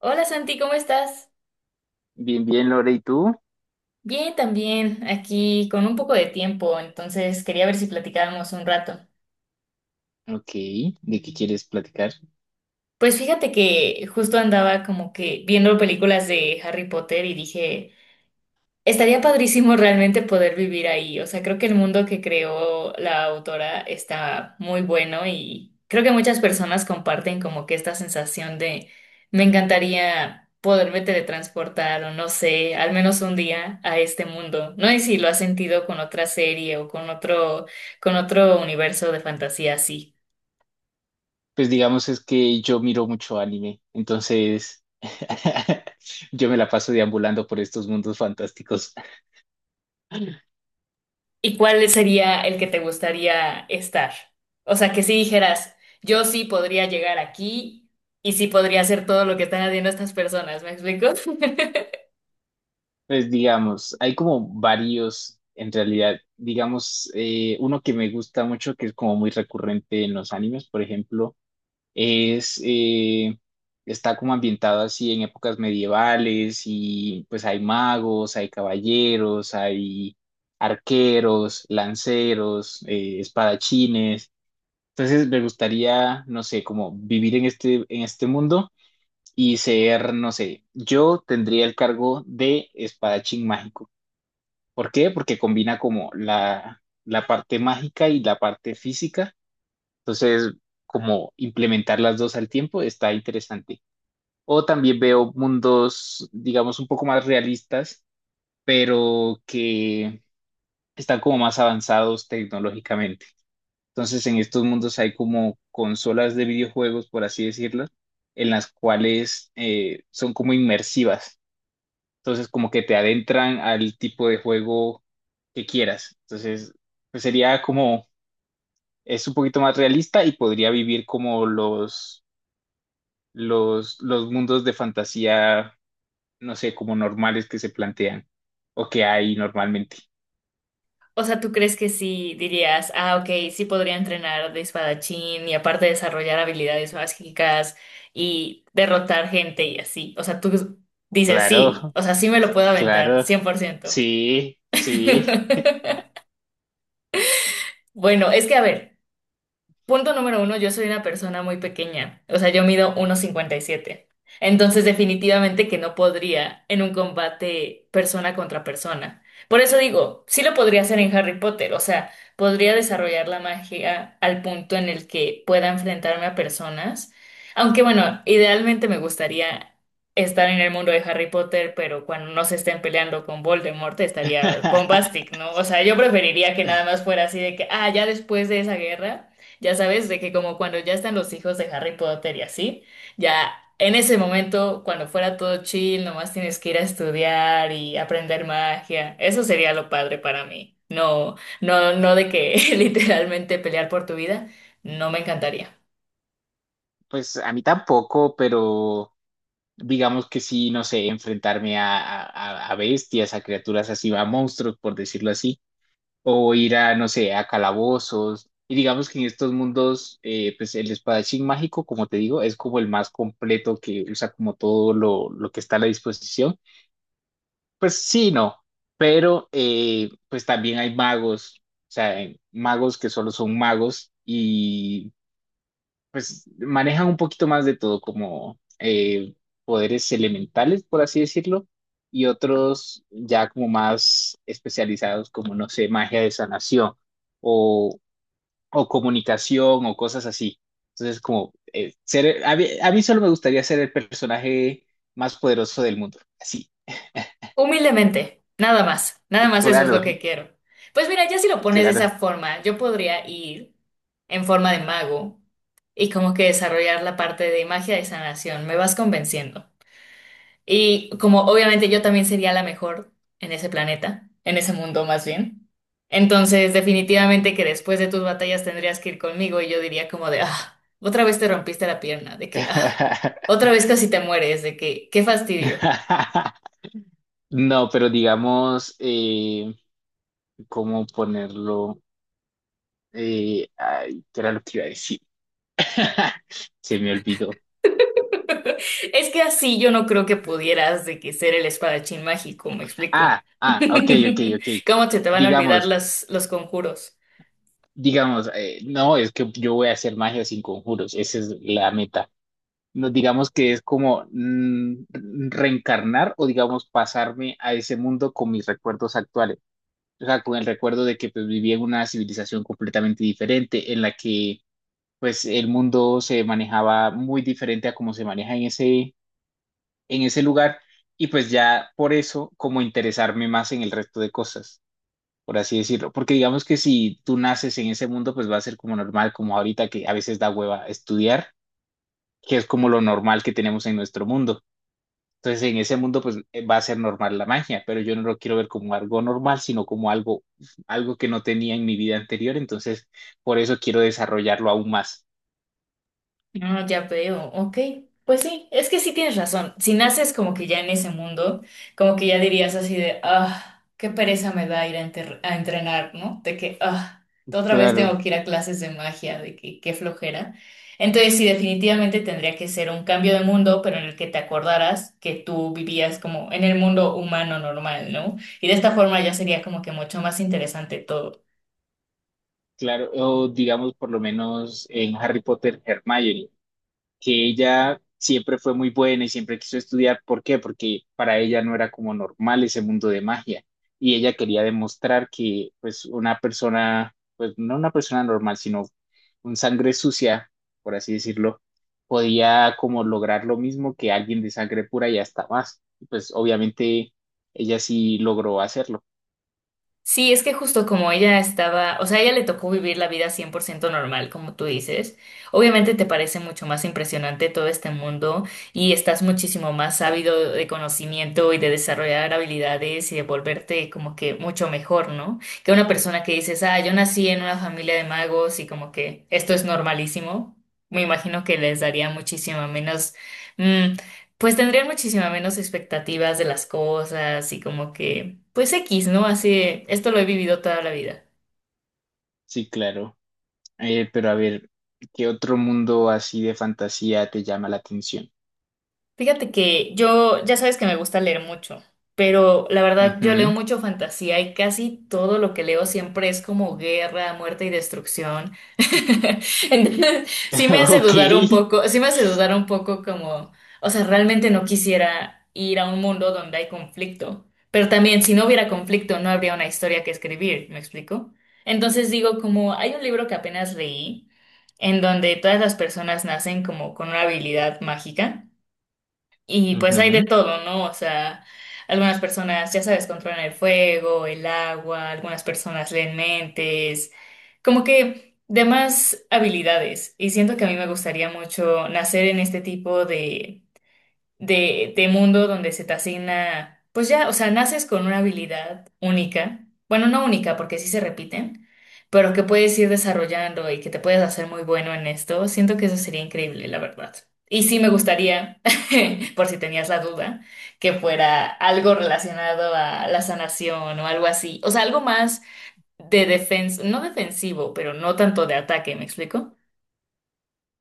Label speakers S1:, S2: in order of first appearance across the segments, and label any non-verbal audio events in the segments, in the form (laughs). S1: Hola Santi, ¿cómo estás?
S2: Bien, bien, Lore, ¿y tú?
S1: Bien, también, aquí con un poco de tiempo, entonces quería ver si platicábamos un rato.
S2: Ok, ¿de qué quieres platicar?
S1: Pues fíjate que justo andaba como que viendo películas de Harry Potter y dije, estaría padrísimo realmente poder vivir ahí. O sea, creo que el mundo que creó la autora está muy bueno y creo que muchas personas comparten como que esta sensación de me encantaría poderme teletransportar o no sé, al menos un día a este mundo. No sé si lo has sentido con otra serie o con otro universo de fantasía así.
S2: Pues digamos es que yo miro mucho anime, entonces (laughs) yo me la paso deambulando por estos mundos fantásticos.
S1: ¿Y cuál sería el que te gustaría estar? O sea, que si dijeras, yo sí podría llegar aquí y sí podría hacer todo lo que están haciendo estas personas, ¿me explico? (laughs)
S2: Pues digamos, hay como varios en realidad. Digamos, uno que me gusta mucho, que es como muy recurrente en los animes, por ejemplo. Es, está como ambientado así en épocas medievales y pues hay magos, hay caballeros, hay arqueros, lanceros, espadachines. Entonces me gustaría, no sé, como vivir en este mundo y ser, no sé, yo tendría el cargo de espadachín mágico. ¿Por qué? Porque combina como la parte mágica y la parte física. Entonces, como implementar las dos al tiempo está interesante. O también veo mundos, digamos, un poco más realistas, pero que están como más avanzados tecnológicamente. Entonces, en estos mundos hay como consolas de videojuegos, por así decirlo, en las cuales son como inmersivas. Entonces, como que te adentran al tipo de juego que quieras. Entonces, pues sería como, es un poquito más realista y podría vivir como los mundos de fantasía, no sé, como normales que se plantean o que hay normalmente.
S1: O sea, ¿tú crees que sí dirías, ah, ok, sí podría entrenar de espadachín y aparte desarrollar habilidades mágicas y derrotar gente y así? O sea, tú dices, sí,
S2: Claro,
S1: o sea, sí me lo puedo aventar,
S2: claro.
S1: 100%.
S2: Sí, sí.
S1: (laughs) Bueno, es que a ver. Punto número uno, yo soy una persona muy pequeña, o sea, yo mido 1,57. Entonces, definitivamente que no podría en un combate persona contra persona. Por eso digo, sí lo podría hacer en Harry Potter, o sea, podría desarrollar la magia al punto en el que pueda enfrentarme a personas. Aunque bueno, idealmente me gustaría estar en el mundo de Harry Potter, pero cuando no se estén peleando con Voldemort estaría bombastic,
S2: (laughs)
S1: ¿no? O sea, yo preferiría que nada más fuera así de que, ah, ya después de esa guerra. Ya sabes, de que como cuando ya están los hijos de Harry Potter y así, ya en ese momento, cuando fuera todo chill, nomás tienes que ir a estudiar y aprender magia. Eso sería lo padre para mí. No, no, no de que (laughs) literalmente pelear por tu vida, no me encantaría.
S2: Pues a mí tampoco, pero digamos que sí, no sé, enfrentarme a, a bestias, a criaturas así, a monstruos, por decirlo así. O ir a, no sé, a calabozos. Y digamos que en estos mundos, pues el espadachín mágico, como te digo, es como el más completo que usa como todo lo que está a la disposición. Pues sí, no, pero pues también hay magos, o sea, hay magos que solo son magos y pues manejan un poquito más de todo, como poderes elementales, por así decirlo, y otros ya como más especializados, como no sé, magia de sanación o, o comunicación o cosas así. Entonces, como ser, a mí solo me gustaría ser el personaje más poderoso del mundo. Sí,
S1: Humildemente, nada más, nada más eso es lo
S2: claro,
S1: que quiero. Pues mira, ya si lo pones de
S2: claro.
S1: esa forma, yo podría ir en forma de mago y como que desarrollar la parte de magia de sanación. Me vas convenciendo. Y como obviamente yo también sería la mejor en ese planeta, en ese mundo más bien. Entonces, definitivamente que después de tus batallas tendrías que ir conmigo y yo diría como de, ah, otra vez te rompiste la pierna, de que, ah,
S2: (laughs)
S1: otra vez casi te mueres, de que, qué fastidio.
S2: No, pero digamos, ¿cómo ponerlo? Ay, ¿qué era lo que iba a decir? (laughs) Se me olvidó.
S1: (laughs) Es que así yo no creo que pudieras de que ser el espadachín mágico, me explico.
S2: Ah,
S1: (laughs)
S2: ah, ok, ok, ok.
S1: ¿Cómo se te van a olvidar
S2: Digamos,
S1: las, los conjuros?
S2: digamos, no, es que yo voy a hacer magia sin conjuros, esa es la meta. No, digamos que es como mm, reencarnar o digamos pasarme a ese mundo con mis recuerdos actuales. O sea, con el recuerdo de que pues, vivía en una civilización completamente diferente, en la que pues el mundo se manejaba muy diferente a como se maneja en ese lugar y pues ya por eso como interesarme más en el resto de cosas, por así decirlo. Porque digamos que si tú naces en ese mundo, pues va a ser como normal, como ahorita que a veces da hueva estudiar, que es como lo normal que tenemos en nuestro mundo. Entonces en ese mundo pues va a ser normal la magia, pero yo no lo quiero ver como algo normal, sino como algo, algo que no tenía en mi vida anterior, entonces por eso quiero desarrollarlo aún más.
S1: Ah, ya veo, ok. Pues sí, es que sí tienes razón. Si naces como que ya en ese mundo, como que ya dirías así de, ah, qué pereza me da ir a entrenar, ¿no? De que, ah, otra vez tengo
S2: Claro,
S1: que ir a clases de magia, de que qué flojera. Entonces sí, definitivamente tendría que ser un cambio de mundo, pero en el que te acordaras que tú vivías como en el mundo humano normal, ¿no? Y de esta forma ya sería como que mucho más interesante todo.
S2: claro, o digamos por lo menos en Harry Potter, Hermione, que ella siempre fue muy buena y siempre quiso estudiar. ¿Por qué? Porque para ella no era como normal ese mundo de magia y ella quería demostrar que pues una persona, pues no una persona normal, sino un sangre sucia, por así decirlo, podía como lograr lo mismo que alguien de sangre pura y hasta más. Y pues obviamente ella sí logró hacerlo.
S1: Sí, es que justo como ella estaba, o sea, a ella le tocó vivir la vida 100% normal, como tú dices. Obviamente te parece mucho más impresionante todo este mundo y estás muchísimo más ávido de conocimiento y de desarrollar habilidades y de volverte como que mucho mejor, ¿no? Que una persona que dices, ah, yo nací en una familia de magos y como que esto es normalísimo. Me imagino que les daría muchísimo menos. mm, pues tendrían muchísima menos expectativas de las cosas y como que, pues X, ¿no? Así, esto lo he vivido toda la vida.
S2: Sí, claro. Pero a ver, ¿qué otro mundo así de fantasía te llama la atención?
S1: Fíjate que yo, ya sabes que me gusta leer mucho, pero la verdad yo leo
S2: Ujú.
S1: mucho fantasía y casi todo lo que leo siempre es como guerra, muerte y destrucción. (laughs) Entonces, sí me
S2: (laughs)
S1: hace
S2: Ok.
S1: dudar un poco, sí me hace dudar un poco como, o sea, realmente no quisiera ir a un mundo donde hay conflicto, pero también si no hubiera conflicto no habría una historia que escribir, ¿me explico? Entonces digo como, hay un libro que apenas leí en donde todas las personas nacen como con una habilidad mágica. Y pues hay de
S2: Ujú.
S1: todo, ¿no? O sea, algunas personas, ya sabes, controlan el fuego, el agua, algunas personas leen mentes, como que de más habilidades. Y siento que a mí me gustaría mucho nacer en este tipo de mundo donde se te asigna, pues ya, o sea, naces con una habilidad única, bueno, no única porque sí se repiten, pero que puedes ir desarrollando y que te puedes hacer muy bueno en esto, siento que eso sería increíble, la verdad. Y sí me gustaría, (laughs) por si tenías la duda, que fuera algo relacionado a la sanación o algo así, o sea, algo más de defensa, no defensivo, pero no tanto de ataque, ¿me explico?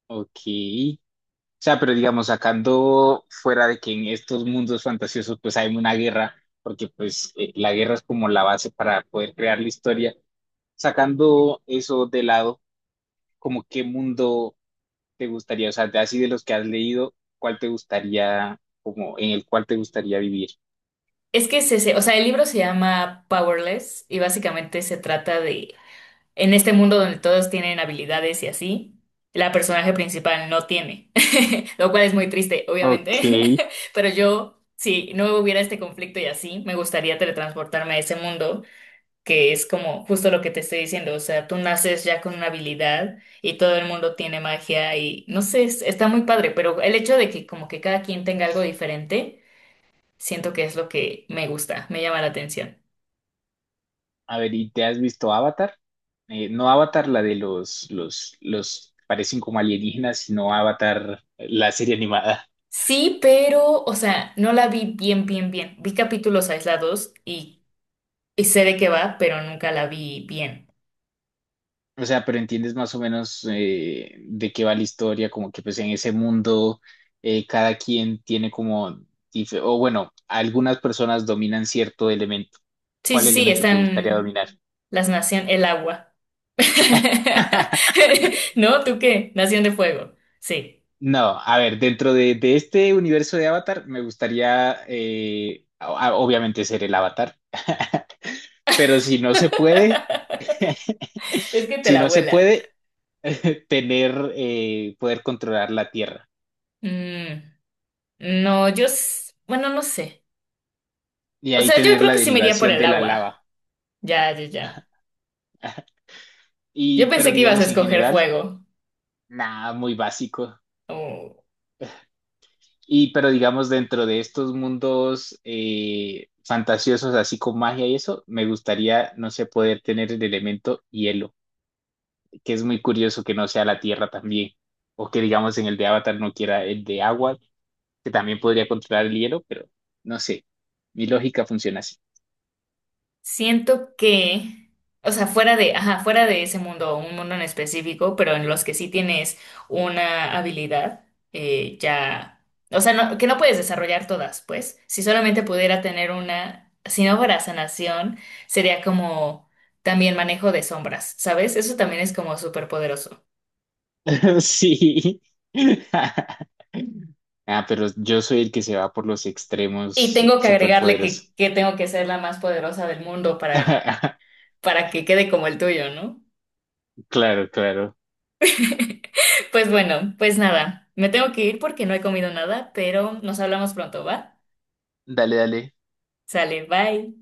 S2: Ok. O sea, pero digamos, sacando fuera de que en estos mundos fantasiosos pues hay una guerra, porque pues la guerra es como la base para poder crear la historia, sacando eso de lado, como qué mundo te gustaría, o sea, de así de los que has leído, cuál te gustaría, como en el cual te gustaría vivir.
S1: Es que o sea, el libro se llama Powerless y básicamente se trata de en este mundo donde todos tienen habilidades y así, la personaje principal no tiene, (laughs) lo cual es muy triste,
S2: Ok.
S1: obviamente, (laughs) pero yo, si no hubiera este conflicto y así, me gustaría teletransportarme a ese mundo, que es como justo lo que te estoy diciendo, o sea, tú naces ya con una habilidad y todo el mundo tiene magia y no sé, está muy padre, pero el hecho de que como que cada quien tenga algo diferente, siento que es lo que me gusta, me llama la atención.
S2: A ver, ¿y te has visto Avatar? No Avatar, la de los, parecen como alienígenas, sino Avatar, la serie animada.
S1: Sí, pero, o sea, no la vi bien, bien, bien. Vi capítulos aislados y sé de qué va, pero nunca la vi bien.
S2: O sea, pero entiendes más o menos de qué va la historia, como que pues en ese mundo cada quien tiene como, dif- o bueno, algunas personas dominan cierto elemento.
S1: Sí,
S2: ¿Cuál
S1: sí, sí,
S2: elemento te gustaría
S1: están
S2: dominar?
S1: las naciones, el agua.
S2: (laughs)
S1: (laughs) ¿No? ¿Tú qué? Nación de Fuego. Sí.
S2: No, a ver, dentro de este universo de Avatar me gustaría obviamente ser el Avatar, (laughs) pero si no se puede,
S1: (laughs) Es
S2: (laughs)
S1: que te
S2: si
S1: la
S2: no se
S1: vuelas.
S2: puede, tener, poder controlar la Tierra
S1: Mm, no, yo, bueno, no sé.
S2: y
S1: O
S2: ahí
S1: sea, yo
S2: tener
S1: creo
S2: la
S1: que sí me iría por
S2: derivación
S1: el
S2: de la
S1: agua.
S2: lava.
S1: Ya, ya, ya. Yo
S2: Y, pero
S1: pensé que ibas a
S2: digamos en
S1: escoger
S2: general,
S1: fuego.
S2: nada, muy básico.
S1: Oh.
S2: Y, pero digamos dentro de estos mundos fantasiosos, así con magia y eso, me gustaría, no sé, poder tener el elemento hielo, que es muy curioso que no sea la tierra también. O que digamos en el de Avatar no quiera el de agua, que también podría controlar el hielo, pero no sé. Mi lógica funciona así.
S1: Siento que, o sea, fuera de, ajá, fuera de ese mundo, o un mundo en específico, pero en los que sí tienes una habilidad, ya, o sea, que no puedes desarrollar todas, pues. Si solamente pudiera tener una, si no fuera sanación, sería como también manejo de sombras, ¿sabes? Eso también es como súper poderoso.
S2: (laughs) Sí. (laughs) Ah, pero yo soy el que se va por los
S1: Y
S2: extremos
S1: tengo que agregarle que,
S2: superpoderosos.
S1: que tengo que ser la más poderosa del mundo
S2: (laughs)
S1: para que quede como el tuyo, ¿no?
S2: Claro, claro.
S1: Pues bueno, pues nada, me tengo que ir porque no he comido nada, pero nos hablamos pronto, ¿va?
S2: Dale, dale.
S1: Sale, bye.